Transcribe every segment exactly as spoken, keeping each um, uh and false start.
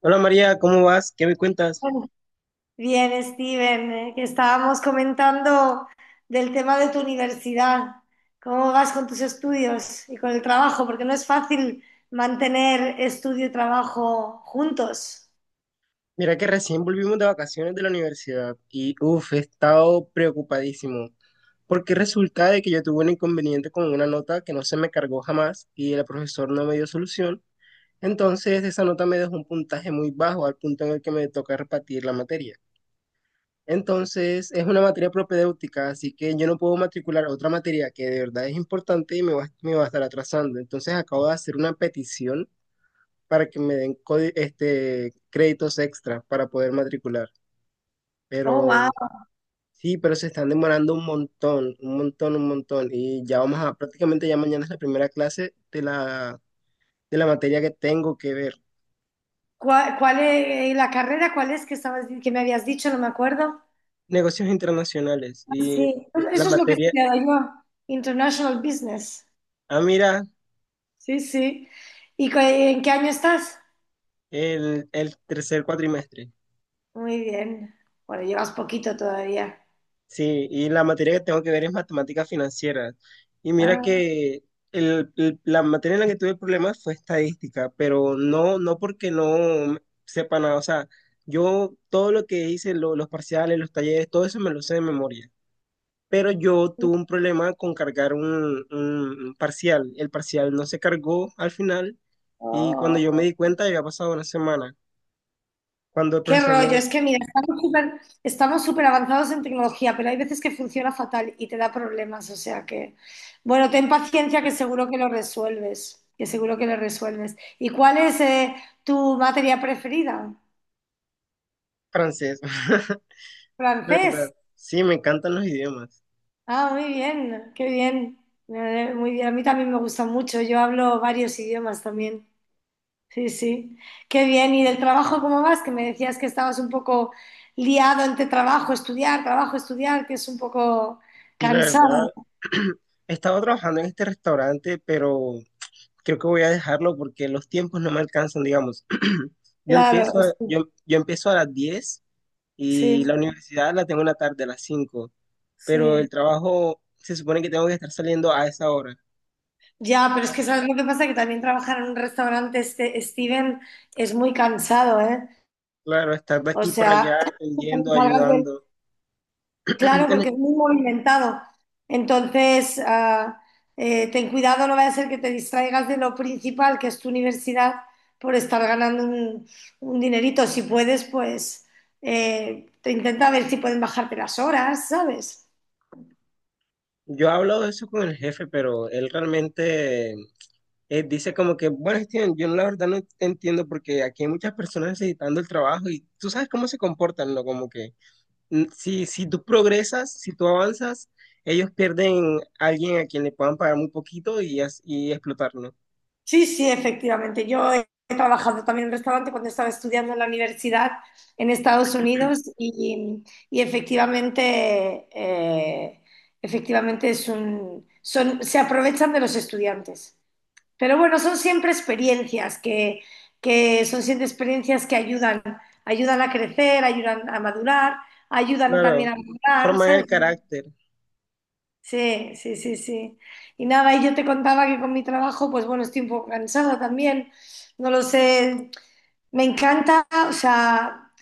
Hola María, ¿cómo vas? ¿Qué me cuentas? Bueno, bien, Steven, eh, que estábamos comentando del tema de tu universidad. ¿Cómo vas con tus estudios y con el trabajo? Porque no es fácil mantener estudio y trabajo juntos. Mira que recién volvimos de vacaciones de la universidad y uff, he estado preocupadísimo porque resulta de que yo tuve un inconveniente con una nota que no se me cargó jamás y el profesor no me dio solución. Entonces esa nota me dejó un puntaje muy bajo al punto en el que me toca repartir la materia. Entonces es una materia propedéutica, así que yo no puedo matricular otra materia que de verdad es importante y me va, me va a estar atrasando. Entonces acabo de hacer una petición para que me den codi- este, créditos extra para poder matricular. Oh, Pero wow. sí, pero se están demorando un montón, un montón, un montón. Y ya vamos a, prácticamente ya mañana es la primera clase de la, de la materia que tengo que ver. ¿Cuál, cuál es la carrera? ¿Cuál es que estabas, que me habías dicho? No me acuerdo. Negocios internacionales Ah, y sí, pues la eso es lo que he materia, estudiado yo, International Business. ah, mira, Sí, sí. ¿Y cu- en qué año estás? el, el tercer cuatrimestre. Muy bien. Bueno, llevas poquito todavía. Sí, y la materia que tengo que ver es matemáticas financieras. Y mira Ah, que el- el- la materia en la que tuve problemas fue estadística, pero no, no porque no sepa nada. O sea, yo todo lo que hice, lo- los parciales, los talleres, todo eso me lo sé de memoria. Pero yo tuve un problema con cargar un, un parcial. El parcial no se cargó al final y cuando yo me oh. di cuenta ya había pasado una semana. Cuando el Qué profesor rollo, me... es que mira, estamos súper estamos súper avanzados en tecnología, pero hay veces que funciona fatal y te da problemas, o sea que, bueno, ten paciencia que seguro que lo resuelves, que seguro que lo resuelves. ¿Y cuál es eh, tu materia preferida? Francés, Francés. ¿verdad? Sí, me encantan los idiomas. Ah, muy bien, qué bien. Eh, Muy bien, a mí también me gusta mucho, yo hablo varios idiomas también. Sí, sí. Qué bien. ¿Y del trabajo cómo vas? Que me decías que estabas un poco liado entre trabajo, estudiar, trabajo, estudiar, que es un poco Y la verdad, cansado, he estado trabajando en este restaurante, pero creo que voy a dejarlo porque los tiempos no me alcanzan, digamos. Yo claro. empiezo a, es- yo, yo empiezo a las diez y Sí, la universidad la tengo en la tarde a las cinco, pero el sí. trabajo se supone que tengo que estar saliendo a esa hora. Ya, pero es que sabes lo que pasa, que también trabajar en un restaurante, este, Steven, es muy cansado, ¿eh? Claro, estar de O aquí para allá, sea, cuando atendiendo, salgas, ayudando. claro, porque es muy movimentado. Entonces, ah, eh, ten cuidado, no vaya a ser que te distraigas de lo principal, que es tu universidad, por estar ganando un, un dinerito. Si puedes, pues eh, te intenta ver si pueden bajarte las horas, ¿sabes? Yo hablo de eso con el jefe, pero él realmente eh, dice como que, bueno, Steven, yo la verdad no te entiendo porque aquí hay muchas personas necesitando el trabajo y tú sabes cómo se comportan, ¿no? Como que mm, si, si tú progresas, si tú avanzas, ellos pierden a alguien a quien le puedan pagar muy poquito y, as- y explotarlo. Sí, sí, efectivamente. Yo he trabajado también en un restaurante cuando estaba estudiando en la universidad en Estados Unidos y, y efectivamente, eh, efectivamente es un, son, se aprovechan de los estudiantes. Pero bueno, son siempre experiencias que, que son siempre experiencias que ayudan, ayudan a crecer, ayudan a madurar, ayudan también Claro, a mejorar, forman el ¿sabes? carácter. Sí, sí, sí, sí. Y nada, y yo te contaba que con mi trabajo, pues bueno, estoy un poco cansada también. No lo sé, me encanta, o sea,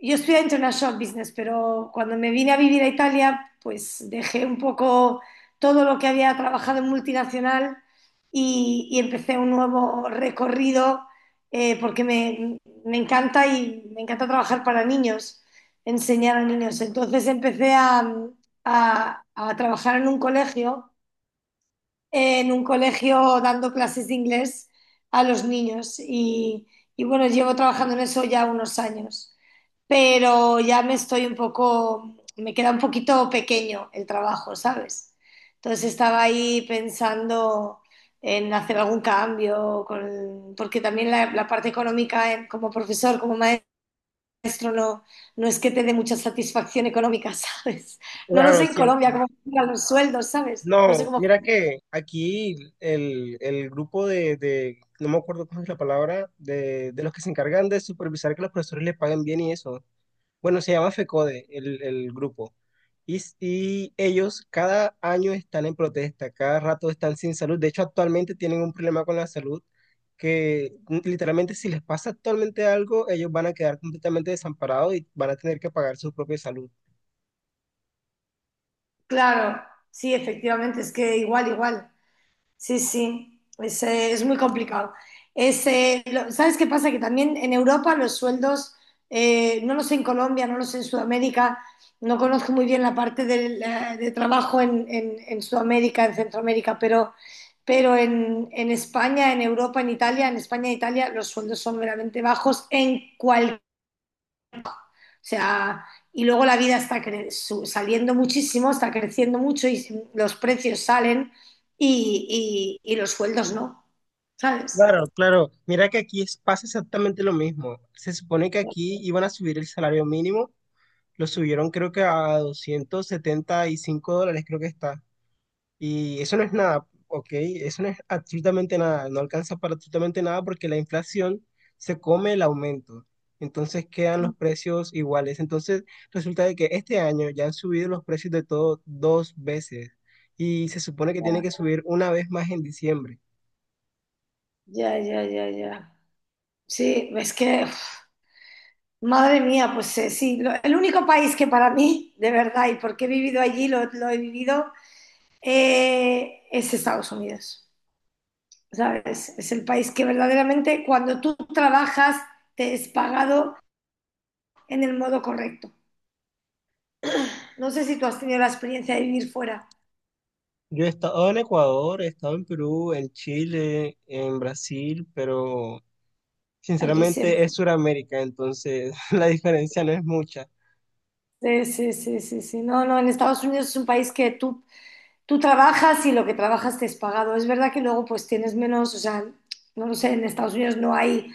yo estudié International Business, pero cuando me vine a vivir a Italia, pues dejé un poco todo lo que había trabajado en multinacional y, y empecé un nuevo recorrido eh, porque me, me encanta y me encanta trabajar para niños, enseñar a niños. Entonces empecé a, a- a trabajar en un colegio, en un colegio dando clases de inglés a los niños y, y bueno, llevo trabajando en eso ya unos años, pero ya me estoy un poco, me queda un poquito pequeño el trabajo, ¿sabes? Entonces estaba ahí pensando en hacer algún cambio, con- porque también la, la parte económica en- como profesor, como maestro, no, no es que te dé mucha satisfacción económica, ¿sabes? No lo Claro, sé en Colombia siempre. cómo funcionan los sueldos, ¿sabes? No sé No, cómo. mira que aquí el, el grupo de, de- no me acuerdo cómo es la palabra, de, de, los que se encargan de supervisar que los profesores les paguen bien y eso. Bueno, se llama FECODE, el, el grupo. Y, s- y ellos cada año están en protesta, cada rato están sin salud. De hecho, actualmente tienen un problema con la salud que mm, literalmente si les pasa actualmente algo, ellos van a quedar completamente desamparados y van a tener que pagar su propia salud. Claro, sí, efectivamente, es que igual, igual. Sí, sí, es, eh, es muy complicado. Es, eh, lo- ¿sabes qué pasa? Que también en Europa los sueldos, eh, no lo sé en Colombia, no lo sé en Sudamérica, no conozco muy bien la parte del, eh, de trabajo en, en- en Sudamérica, en Centroamérica, pero, pero en, en España, en Europa, en Italia, en España e Italia los sueldos son verdaderamente bajos en sea, y luego la vida está cre- su- saliendo muchísimo, está creciendo mucho y si, los precios salen y, y- y los sueldos no, ¿sabes? Claro, claro. Mira que aquí es- pasa exactamente lo mismo. Se supone que aquí iban a subir el salario mínimo, lo subieron creo que a doscientos setenta y cinco dólares, creo que está. Y eso no es nada, ¿ok? Eso no es absolutamente nada, no alcanza para absolutamente nada porque la inflación se come el aumento. Entonces quedan los precios iguales. Entonces resulta de que este año ya han subido los precios de todo dos veces y se supone que tiene que subir una vez más en diciembre. Ya, ya, ya, ya, ya. Sí, es que, uf, madre mía, pues eh, sí, lo- el único país que para mí, de verdad, y porque he vivido allí, lo, lo he vivido, eh, es Estados Unidos, ¿sabes? Es el país que verdaderamente cuando tú trabajas te es pagado en el modo correcto. No sé si tú has tenido la experiencia de vivir fuera. Yo he estado en Ecuador, he estado en Perú, en Chile, en Brasil, pero Allí se... sinceramente es Sudamérica, entonces la diferencia no es mucha. Sí, sí, sí, sí, sí. No, no, en Estados Unidos es un país que tú, tú trabajas y lo que trabajas te es pagado. Es verdad que luego pues tienes menos, o sea, no lo sé, en Estados Unidos no hay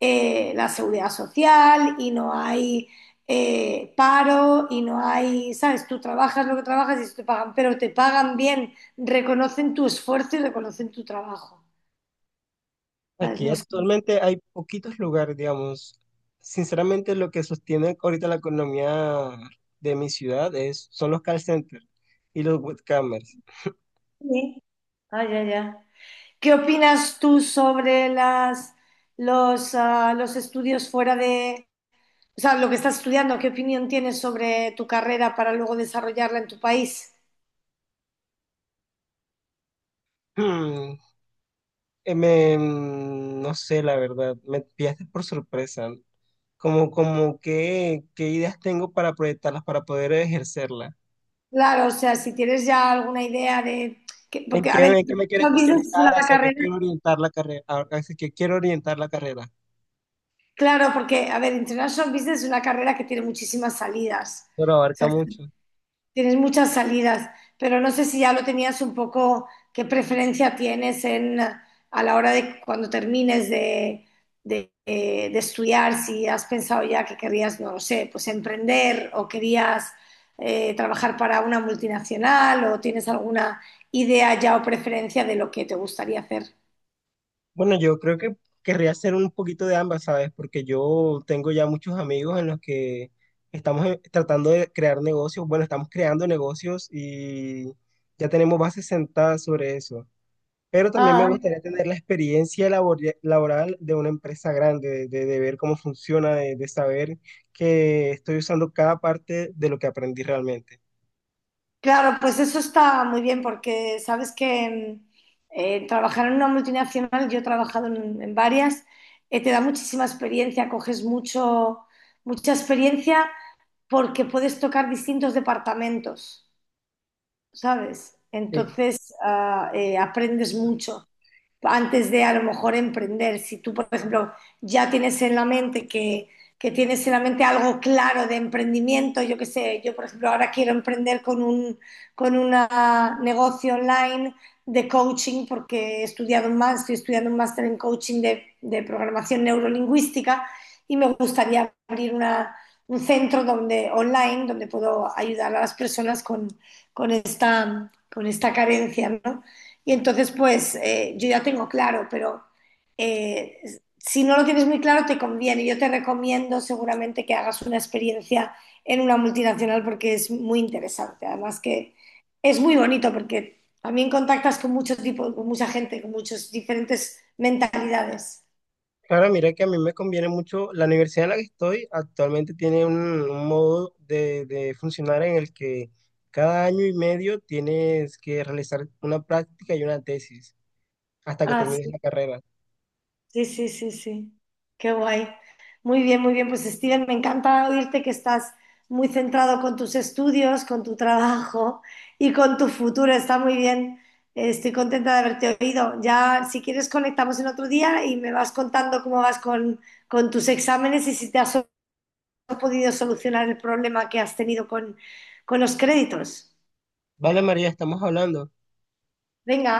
eh, la seguridad social y no hay eh, paro y no hay, ¿sabes? Tú trabajas lo que trabajas y eso te pagan, pero te pagan bien, reconocen tu esfuerzo y reconocen tu trabajo. ¿Sabes? Aquí No es... actualmente hay poquitos lugares, digamos. Sinceramente, lo que sostiene ahorita la economía de mi ciudad es, son los call centers y los webcamers. Sí. Ah, ya, ya. ¿Qué opinas tú sobre las, los, ah, los estudios fuera de, o sea, lo que estás estudiando? ¿Qué opinión tienes sobre tu carrera para luego desarrollarla en tu país? Hmm, eh, me- mm, no sé, la verdad, me pillaste por sorpresa. Como, como qué, qué, ideas tengo para proyectarlas, para poder ejercerlas. Claro, o sea, si tienes ya alguna idea de, que- ¿En porque, a qué, ver, me- Qué me quiero International Business es especializar? una ¿Hacia qué carrera, quiero orientar la carrera? ¿Hacia qué quiero orientar la carrera? claro, porque, a ver, International Business es una carrera que tiene muchísimas salidas. Pero abarca mucho. Tienes muchas salidas, pero no sé si ya lo tenías un poco, qué preferencia tienes en, a la hora de cuando termines de, de, eh, de estudiar, si has pensado ya que querías, no lo sé, pues emprender o querías eh, trabajar para una multinacional o tienes alguna idea ya o preferencia de lo que te gustaría hacer. Bueno, yo creo que querría hacer un poquito de ambas, ¿sabes? Porque yo tengo ya muchos amigos en los que estamos eh, tratando de crear negocios. Bueno, estamos creando negocios y ya tenemos bases sentadas sobre eso. Pero también me Ah. gustaría tener la experiencia labor- laboral de una empresa grande, de, de- ver cómo funciona, de, de saber que estoy usando cada parte de lo que aprendí realmente. Claro, pues eso está muy bien porque sabes que eh, trabajar en una multinacional, yo he trabajado en, en varias, eh, te da muchísima experiencia, coges mucho, mucha experiencia porque puedes tocar distintos departamentos, ¿sabes? Sí. Entonces ah, eh, aprendes mucho antes de a lo mejor emprender. Si tú, por ejemplo, ya tienes en la mente que, que tienes en la mente algo claro de emprendimiento, yo qué sé, yo por ejemplo ahora quiero emprender con un con una negocio online de coaching porque he estudiado más, estoy estudiando un máster en coaching de, de programación neurolingüística y me gustaría abrir una, un centro donde, online donde puedo ayudar a las personas con, con, esta, con esta carencia, ¿no? Y entonces, pues eh, yo ya tengo claro, pero eh, si no lo tienes muy claro, te conviene. Yo te recomiendo seguramente que hagas una experiencia en una multinacional porque es muy interesante. Además que es muy bonito porque también contactas con muchos tipos con mucha gente, con muchas diferentes mentalidades. Claro, mira que a mí me conviene mucho, la universidad en la que estoy actualmente tiene un, un, modo de, de funcionar en el que cada año y medio tienes que realizar una práctica y una tesis hasta que termines Así. la carrera. Sí, sí, sí, sí. Qué guay. Muy bien, muy bien. Pues Steven, me encanta oírte que estás muy centrado con tus estudios, con tu trabajo y con tu futuro. Está muy bien. Eh, Estoy contenta de haberte oído. Ya, si quieres, conectamos en otro día y me vas contando cómo vas con, con tus exámenes y si te has so- podido solucionar el problema que has tenido con, con los créditos. Vale, María, estamos hablando. Venga.